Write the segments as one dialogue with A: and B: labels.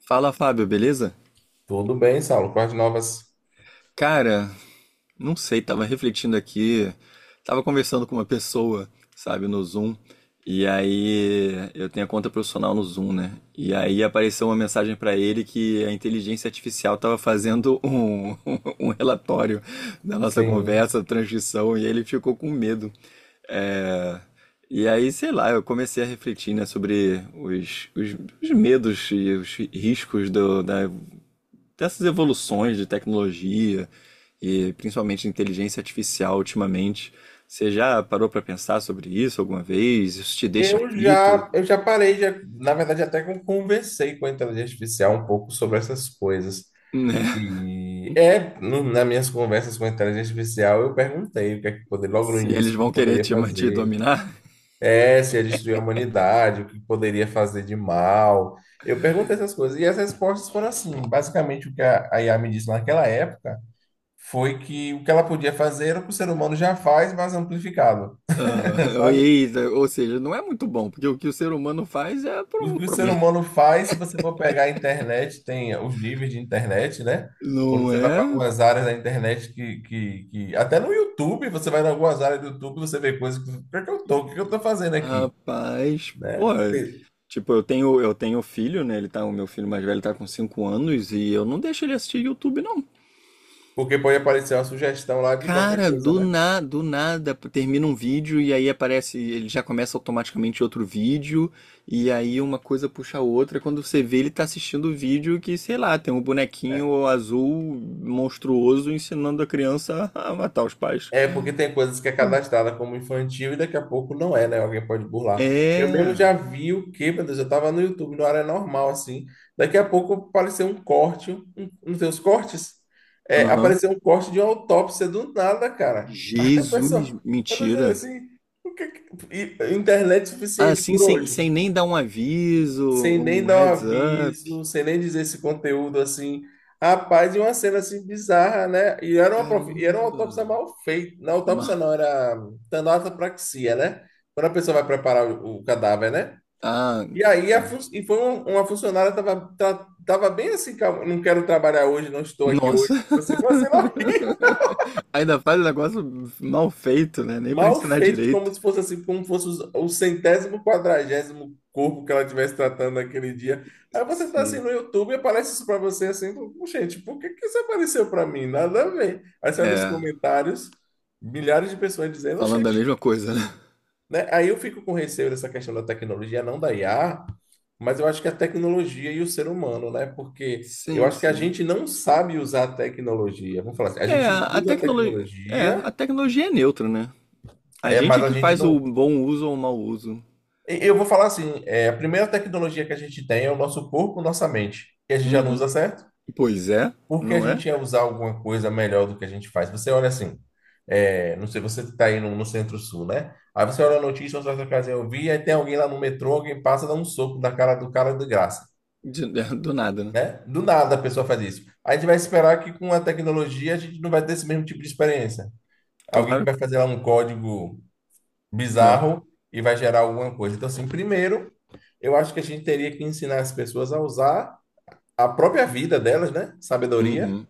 A: Fala, Fábio, beleza?
B: Tudo bem, Saulo. Com as novas.
A: Cara, não sei, tava refletindo aqui, tava conversando com uma pessoa, sabe, no Zoom, e aí eu tenho a conta profissional no Zoom, né? E aí apareceu uma mensagem pra ele que a inteligência artificial tava fazendo um, um relatório da nossa
B: Sim.
A: conversa, transcrição, e ele ficou com medo. É. E aí, sei lá, eu comecei a refletir, né, sobre os medos e os riscos do, da dessas evoluções de tecnologia e principalmente de inteligência artificial ultimamente. Você já parou para pensar sobre isso alguma vez? Isso te deixa
B: Eu
A: aflito,
B: já, eu já parei, já, na verdade, até que eu conversei com a inteligência artificial um pouco sobre essas coisas.
A: né?
B: E é, nas minhas conversas com a inteligência artificial, eu perguntei o que é que poderia, logo no
A: Se
B: início,
A: eles
B: o
A: vão
B: que
A: querer
B: poderia
A: te
B: fazer.
A: dominar?
B: É, se ia destruir a humanidade, o que poderia fazer de mal. Eu perguntei essas coisas. E as respostas foram assim. Basicamente, o que a IA me disse naquela época foi que o que ela podia fazer era o que o ser humano já faz, mas amplificado,
A: Aham.
B: sabe?
A: Ou seja, não é muito bom, porque o que o ser humano faz é por
B: O
A: um
B: que o ser
A: problema.
B: humano faz, se você for pegar a internet, tem os níveis de internet, né? Quando
A: Não
B: você vai para
A: é?
B: algumas áreas da internet até no YouTube, você vai em algumas áreas do YouTube, você vê coisas que... Por que eu tô? O que eu tô fazendo aqui?
A: Rapaz, pô,
B: Né?
A: tipo, eu tenho filho, né? O meu filho mais velho tá com 5 anos e eu não deixo ele assistir YouTube, não.
B: Porque pode aparecer uma sugestão lá de qualquer
A: Cara,
B: coisa, né?
A: do nada termina um vídeo e aí aparece, ele já começa automaticamente outro vídeo, e aí uma coisa puxa a outra. Quando você vê, ele tá assistindo o vídeo que, sei lá, tem um bonequinho azul monstruoso ensinando a criança a matar os pais.
B: É porque tem coisas que é cadastrada como infantil e daqui a pouco não é, né? Alguém pode burlar. Eu mesmo
A: É.
B: já vi o que, meu Deus, eu tava no YouTube, na área normal, assim. Daqui a pouco apareceu um corte, um dos cortes, é,
A: Aham.
B: apareceu um corte de uma autópsia do nada, cara.
A: Jesus,
B: A pessoa dizendo
A: mentira.
B: assim, o que, que- e- internet suficiente
A: Assim,
B: por
A: sem,
B: hoje,
A: sem nem dar um aviso,
B: sem nem
A: um
B: dar um
A: heads up.
B: aviso, sem nem dizer esse conteúdo assim. Rapaz, e uma cena assim bizarra, né? E era uma, e era uma
A: Caramba.
B: autópsia mal feita. Não,
A: Mal.
B: autópsia não, era tanatopraxia, né? Quando a pessoa vai preparar o cadáver, né?
A: Ah,
B: E aí a fun-
A: tá.
B: e foi um- uma funcionária tava, tava bem assim, calma, não quero trabalhar hoje, não estou aqui hoje.
A: Nossa!
B: Tipo assim, foi uma cena
A: Ainda faz um negócio mal feito, né? Nem pra
B: mal
A: ensinar
B: feito, como
A: direito.
B: se fosse assim, como fosse o centésimo quadragésimo corpo que ela estivesse tratando naquele dia. Aí você tá assim
A: Sim.
B: no YouTube e aparece isso pra você assim, "Pô, gente, por que que isso apareceu pra mim? Nada a ver." Aí você olha
A: É,
B: comentários, milhares de pessoas dizendo,
A: falando da
B: gente,
A: mesma coisa, né?
B: né? Aí eu fico com receio dessa questão da tecnologia, não da IA, mas eu acho que a tecnologia e o ser humano, né? Porque eu
A: Sim,
B: acho que a
A: sim.
B: gente não sabe usar a tecnologia. Vamos falar assim, a
A: É,
B: gente
A: a
B: usa a
A: tecnologia, é,
B: tecnologia,
A: a tecnologia é neutra, né? A
B: é,
A: gente
B: mas
A: é
B: a
A: que
B: gente
A: faz
B: não.
A: o bom uso ou o mau uso.
B: Eu vou falar assim, é, a primeira tecnologia que a gente tem é o nosso corpo, nossa mente, que a gente já não
A: Uhum.
B: usa certo,
A: Pois é,
B: porque a
A: não é?
B: gente ia usar alguma coisa melhor do que a gente faz. Você olha assim, é, não sei, você está aí no Centro-Sul, né? Aí você olha a notícia, você vai casa eu vi, aí tem alguém lá no metrô, alguém passa, dá um soco na cara do cara de graça,
A: De- do nada, né?
B: né? Do nada a pessoa faz isso. A gente vai esperar que com a tecnologia a gente não vai ter esse mesmo tipo de experiência. Alguém que
A: Claro.
B: vai fazer lá um código
A: É.
B: bizarro e vai gerar alguma coisa. Então, assim, primeiro eu acho que a gente teria que ensinar as pessoas a usar a própria vida delas, né? Sabedoria.
A: Uhum.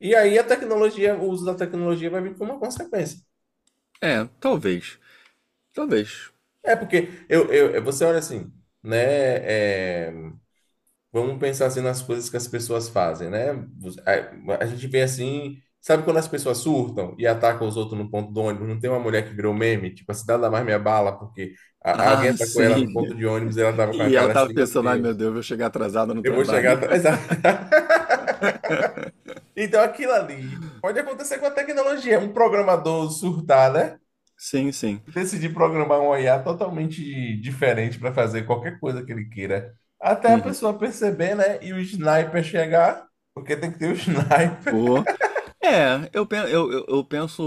B: E aí a tecnologia, o uso da tecnologia vai vir como uma consequência.
A: É, talvez. Talvez.
B: É porque você olha assim, né? É, vamos pensar assim nas coisas que as pessoas fazem, né? A gente vê assim, sabe quando as pessoas surtam e atacam os outros no ponto de ônibus? Não tem uma mulher que virou meme, tipo, a cidade da mais me abala, porque alguém
A: Ah,
B: atacou ela no
A: sim.
B: ponto de ônibus e ela tava com a
A: E ela
B: cara
A: tava
B: assim, meu
A: pensando, ai meu
B: Deus,
A: Deus, eu vou chegar atrasada no
B: eu vou chegar
A: trabalho.
B: atrasada." Então, aquilo ali pode acontecer com a tecnologia. Um programador surtar, né?
A: Sim, sim.
B: E decidir programar um IA totalmente diferente para fazer qualquer coisa que ele queira. Até a
A: Uhum.
B: pessoa perceber, né? E o sniper chegar, porque tem que ter o sniper.
A: O- É, eu penso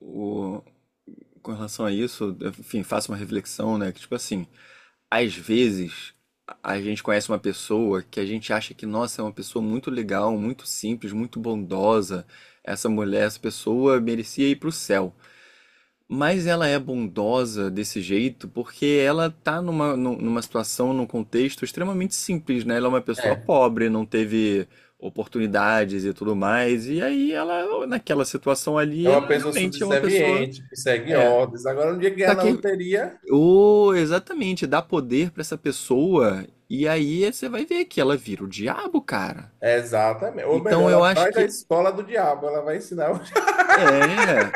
A: o, com relação a isso, enfim, faço uma reflexão, né? Que tipo assim, às vezes a gente conhece uma pessoa que a gente acha que, nossa, é uma pessoa muito legal, muito simples, muito bondosa. Essa mulher, essa pessoa merecia ir pro céu. Mas ela é bondosa desse jeito porque ela tá numa situação, num contexto extremamente simples, né? Ela é uma pessoa
B: É,
A: pobre, não teve oportunidades e tudo mais. E aí ela, naquela situação
B: é
A: ali, ela
B: uma pessoa
A: realmente é uma pessoa.
B: subserviente, que segue
A: É.
B: ordens. Agora, no dia que ganhar
A: Tá
B: na
A: que.
B: loteria,
A: Oh, exatamente, dá poder pra essa pessoa. E aí você vai ver que ela vira o diabo, cara.
B: é exatamente. Ou melhor,
A: Então eu
B: ela
A: acho
B: vai da
A: que.
B: escola do diabo, ela vai ensinar. O-
A: É.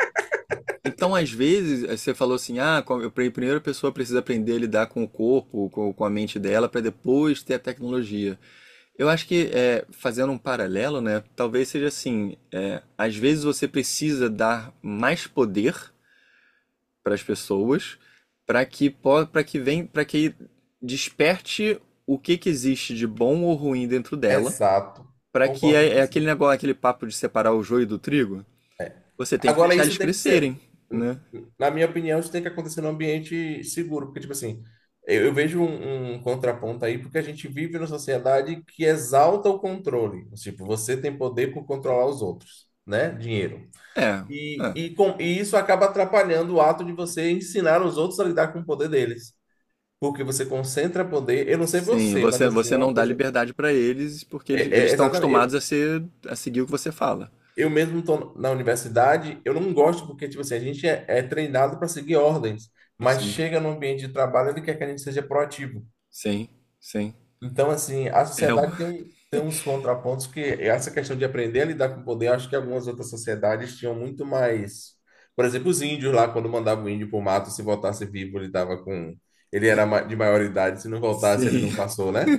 A: Então, às vezes, você falou assim, ah, com- eu- pri- primeiro a primeira pessoa precisa aprender a lidar com o corpo, com a mente dela, para depois ter a tecnologia. Eu acho que, fazendo um paralelo, né, talvez seja assim, às vezes você precisa dar mais poder para as pessoas, para que desperte o que que existe de bom ou ruim dentro dela,
B: Exato.
A: para que
B: Concordo com
A: é
B: você.
A: aquele negócio, aquele papo de separar o joio do trigo. Você tem que
B: Agora,
A: deixar
B: isso
A: eles
B: tem que ser,
A: crescerem, né?
B: na minha opinião, isso tem que acontecer num ambiente seguro, porque, tipo assim, eu vejo um contraponto aí, porque a gente vive numa sociedade que exalta o controle. Tipo, você tem poder por controlar os outros, né? Dinheiro.
A: É, é.
B: E isso acaba atrapalhando o ato de você ensinar os outros a lidar com o poder deles. Porque você concentra poder. Eu não sei
A: Sim,
B: você, mas
A: você,
B: assim,
A: você
B: uma
A: não dá
B: coisa.
A: liberdade para eles porque
B: É,
A: eles
B: é
A: estão
B: exatamente.
A: acostumados a seguir o que você fala.
B: Eu mesmo estou na universidade, eu não gosto porque, tipo assim, a gente é treinado para seguir ordens, mas
A: Sim,
B: chega no ambiente de trabalho, ele quer que a gente seja proativo.
A: sim, sim.
B: Então, assim, a
A: É o...
B: sociedade tem uns contrapontos que essa questão de aprender a lidar com o poder, eu acho que algumas outras sociedades tinham muito mais. Por exemplo, os índios lá, quando mandavam o índio para o mato, se voltasse vivo, ele tava com. Ele era de maior idade, se não voltasse, ele não
A: Sim,
B: passou, né?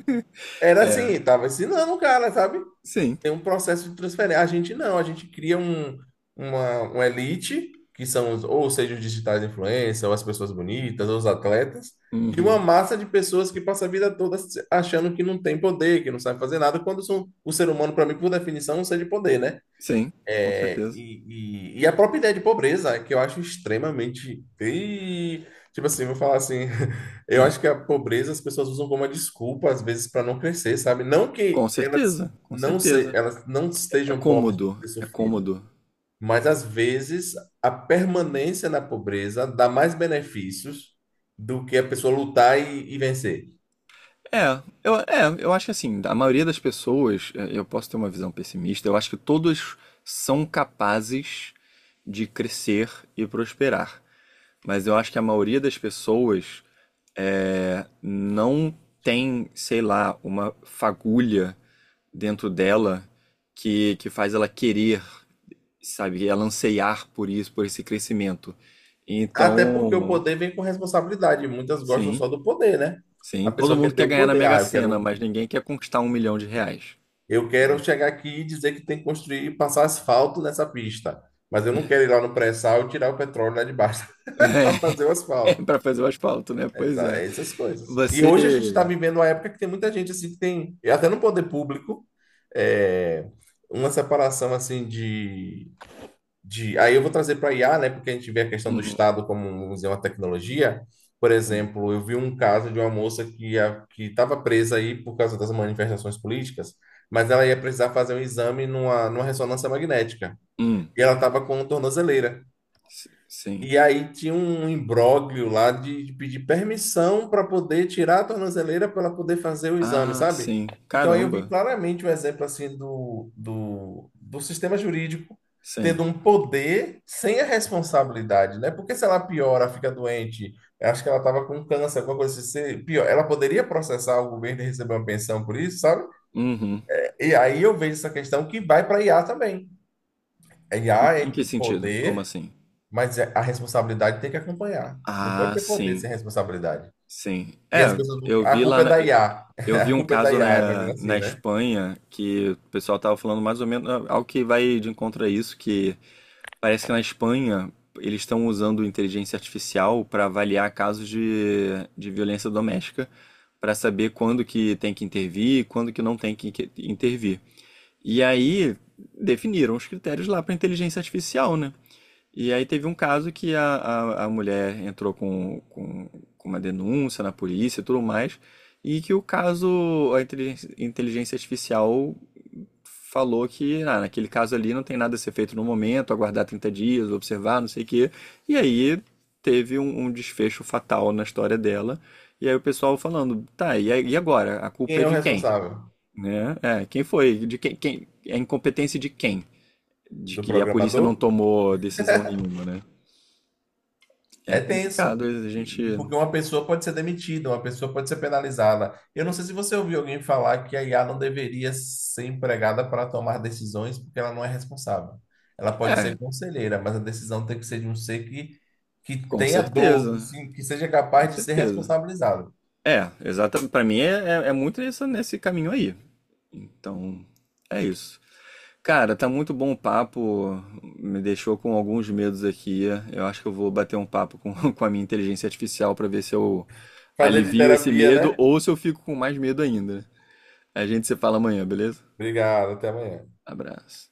B: Era
A: é.
B: assim, tava ensinando o cara, sabe?
A: Sim.
B: Tem um processo de transferência. A gente não, a gente cria um, uma elite, que são, ou seja, os digitais influencers, ou as pessoas bonitas, ou os atletas, e uma
A: Uhum.
B: massa de pessoas que passa a vida toda achando que não tem poder, que não sabe fazer nada, quando são, o ser humano, para mim, por definição, é um ser de poder, né?
A: Sim, com certeza.
B: E a própria ideia de pobreza, que eu acho extremamente. Ih, tipo assim, vou falar assim. Eu acho que a pobreza as pessoas usam como uma desculpa, às vezes, para não crescer, sabe? Não que
A: Com
B: elas
A: certeza, com
B: não, se,
A: certeza.
B: elas não
A: É
B: estejam pobres por
A: cômodo,
B: ter
A: é
B: sofrido,
A: cômodo.
B: mas às vezes a permanência na pobreza dá mais benefícios do que a pessoa lutar e vencer.
A: É, eu acho que assim, a maioria das pessoas, eu posso ter uma visão pessimista, eu acho que todos são capazes de crescer e prosperar. Mas eu acho que a maioria das pessoas não tem, sei lá, uma fagulha dentro dela que faz ela querer, sabe, ela anseiar por isso, por esse crescimento.
B: Até porque o
A: Então,
B: poder vem com responsabilidade. Muitas gostam
A: sim,
B: só do poder, né?
A: sim,
B: A
A: todo
B: pessoa quer
A: mundo
B: ter
A: quer
B: o
A: ganhar na
B: poder.
A: Mega
B: Ah,
A: Sena, mas ninguém quer conquistar 1 milhão de reais.
B: eu quero chegar aqui e dizer que tem que construir, passar asfalto nessa pista. Mas eu não quero ir lá no pré-sal e tirar o petróleo lá de baixo para fazer o
A: É,
B: asfalto.
A: para fazer o asfalto, né? Pois
B: Essa-
A: é.
B: é essas coisas. E
A: Você.
B: hoje a gente está vivendo uma época que tem muita gente assim que tem, e até no poder público, é, uma separação assim de de. Aí eu vou trazer para IA, né? Porque a gente vê a questão do
A: Uhum,
B: Estado como, vamos dizer, uma tecnologia. Por
A: sim.
B: exemplo, eu vi um caso de uma moça que estava presa aí por causa das manifestações políticas, mas ela ia precisar fazer um exame numa ressonância magnética.
A: Hum,
B: E ela estava com tornozeleira.
A: s- sim.
B: E aí tinha um imbróglio lá de pedir permissão para poder tirar a tornozeleira para poder fazer o exame,
A: Ah,
B: sabe?
A: sim.
B: Então aí eu vi
A: Caramba.
B: claramente um exemplo assim do sistema jurídico tendo
A: Sim.
B: um poder sem a responsabilidade, né? Porque se ela piora, fica doente, acho que ela estava com câncer, alguma coisa assim, se pior, ela poderia processar o governo e receber uma pensão por isso, sabe?
A: Uhum.
B: E aí eu vejo essa questão que vai para IA também. A IA é
A: Em que sentido? Como
B: poder,
A: assim?
B: mas é- a responsabilidade tem que acompanhar. Não pode
A: Ah,
B: ter poder
A: sim,
B: sem responsabilidade.
A: sim.
B: E as
A: É,
B: pessoas, a culpa é da
A: eu
B: IA. A
A: eu vi
B: A
A: um
B: culpa é da
A: caso
B: IA, vai vir
A: na,
B: assim,
A: na
B: né?
A: Espanha que o pessoal tava falando mais ou menos algo que vai de encontro a isso, que parece que na Espanha eles estão usando inteligência artificial para avaliar casos de violência doméstica, para saber quando que tem que intervir e quando que não tem que intervir. E aí definiram os critérios lá para inteligência artificial, né? E aí teve um caso que a mulher entrou com uma denúncia na polícia e tudo mais, e que o caso, a inteligência artificial falou que ah, naquele caso ali não tem nada a ser feito no momento, aguardar 30 dias, observar, não sei o quê. E aí teve um desfecho fatal na história dela. E aí o pessoal falando, tá, e agora? A
B: Quem
A: culpa é
B: é o
A: de quem?
B: responsável?
A: Né? É, quem foi? De quem? É a incompetência de quem? De
B: Do
A: que a polícia
B: programador?
A: não tomou decisão nenhuma, né? É
B: É tenso.
A: complicado, a gente.
B: E porque uma pessoa pode ser demitida, uma pessoa pode ser penalizada. Eu não sei se você ouviu alguém falar que a IA não deveria ser empregada para tomar decisões porque ela não é responsável. Ela pode
A: É,
B: ser conselheira, mas a decisão tem que ser de um ser que
A: com
B: tenha dor, que,
A: certeza,
B: se- que seja
A: com
B: capaz de ser
A: certeza.
B: responsabilizado.
A: É, exatamente. Pra mim é muito nesse caminho aí. Então, é isso. Cara, tá muito bom o papo, me deixou com alguns medos aqui. Eu acho que eu vou bater um papo com, com a minha inteligência artificial pra ver se eu
B: Fazer de
A: alivio esse
B: terapia,
A: medo
B: né?
A: ou se eu fico com mais medo ainda. A gente se fala amanhã, beleza?
B: Obrigado, até amanhã.
A: Abraço.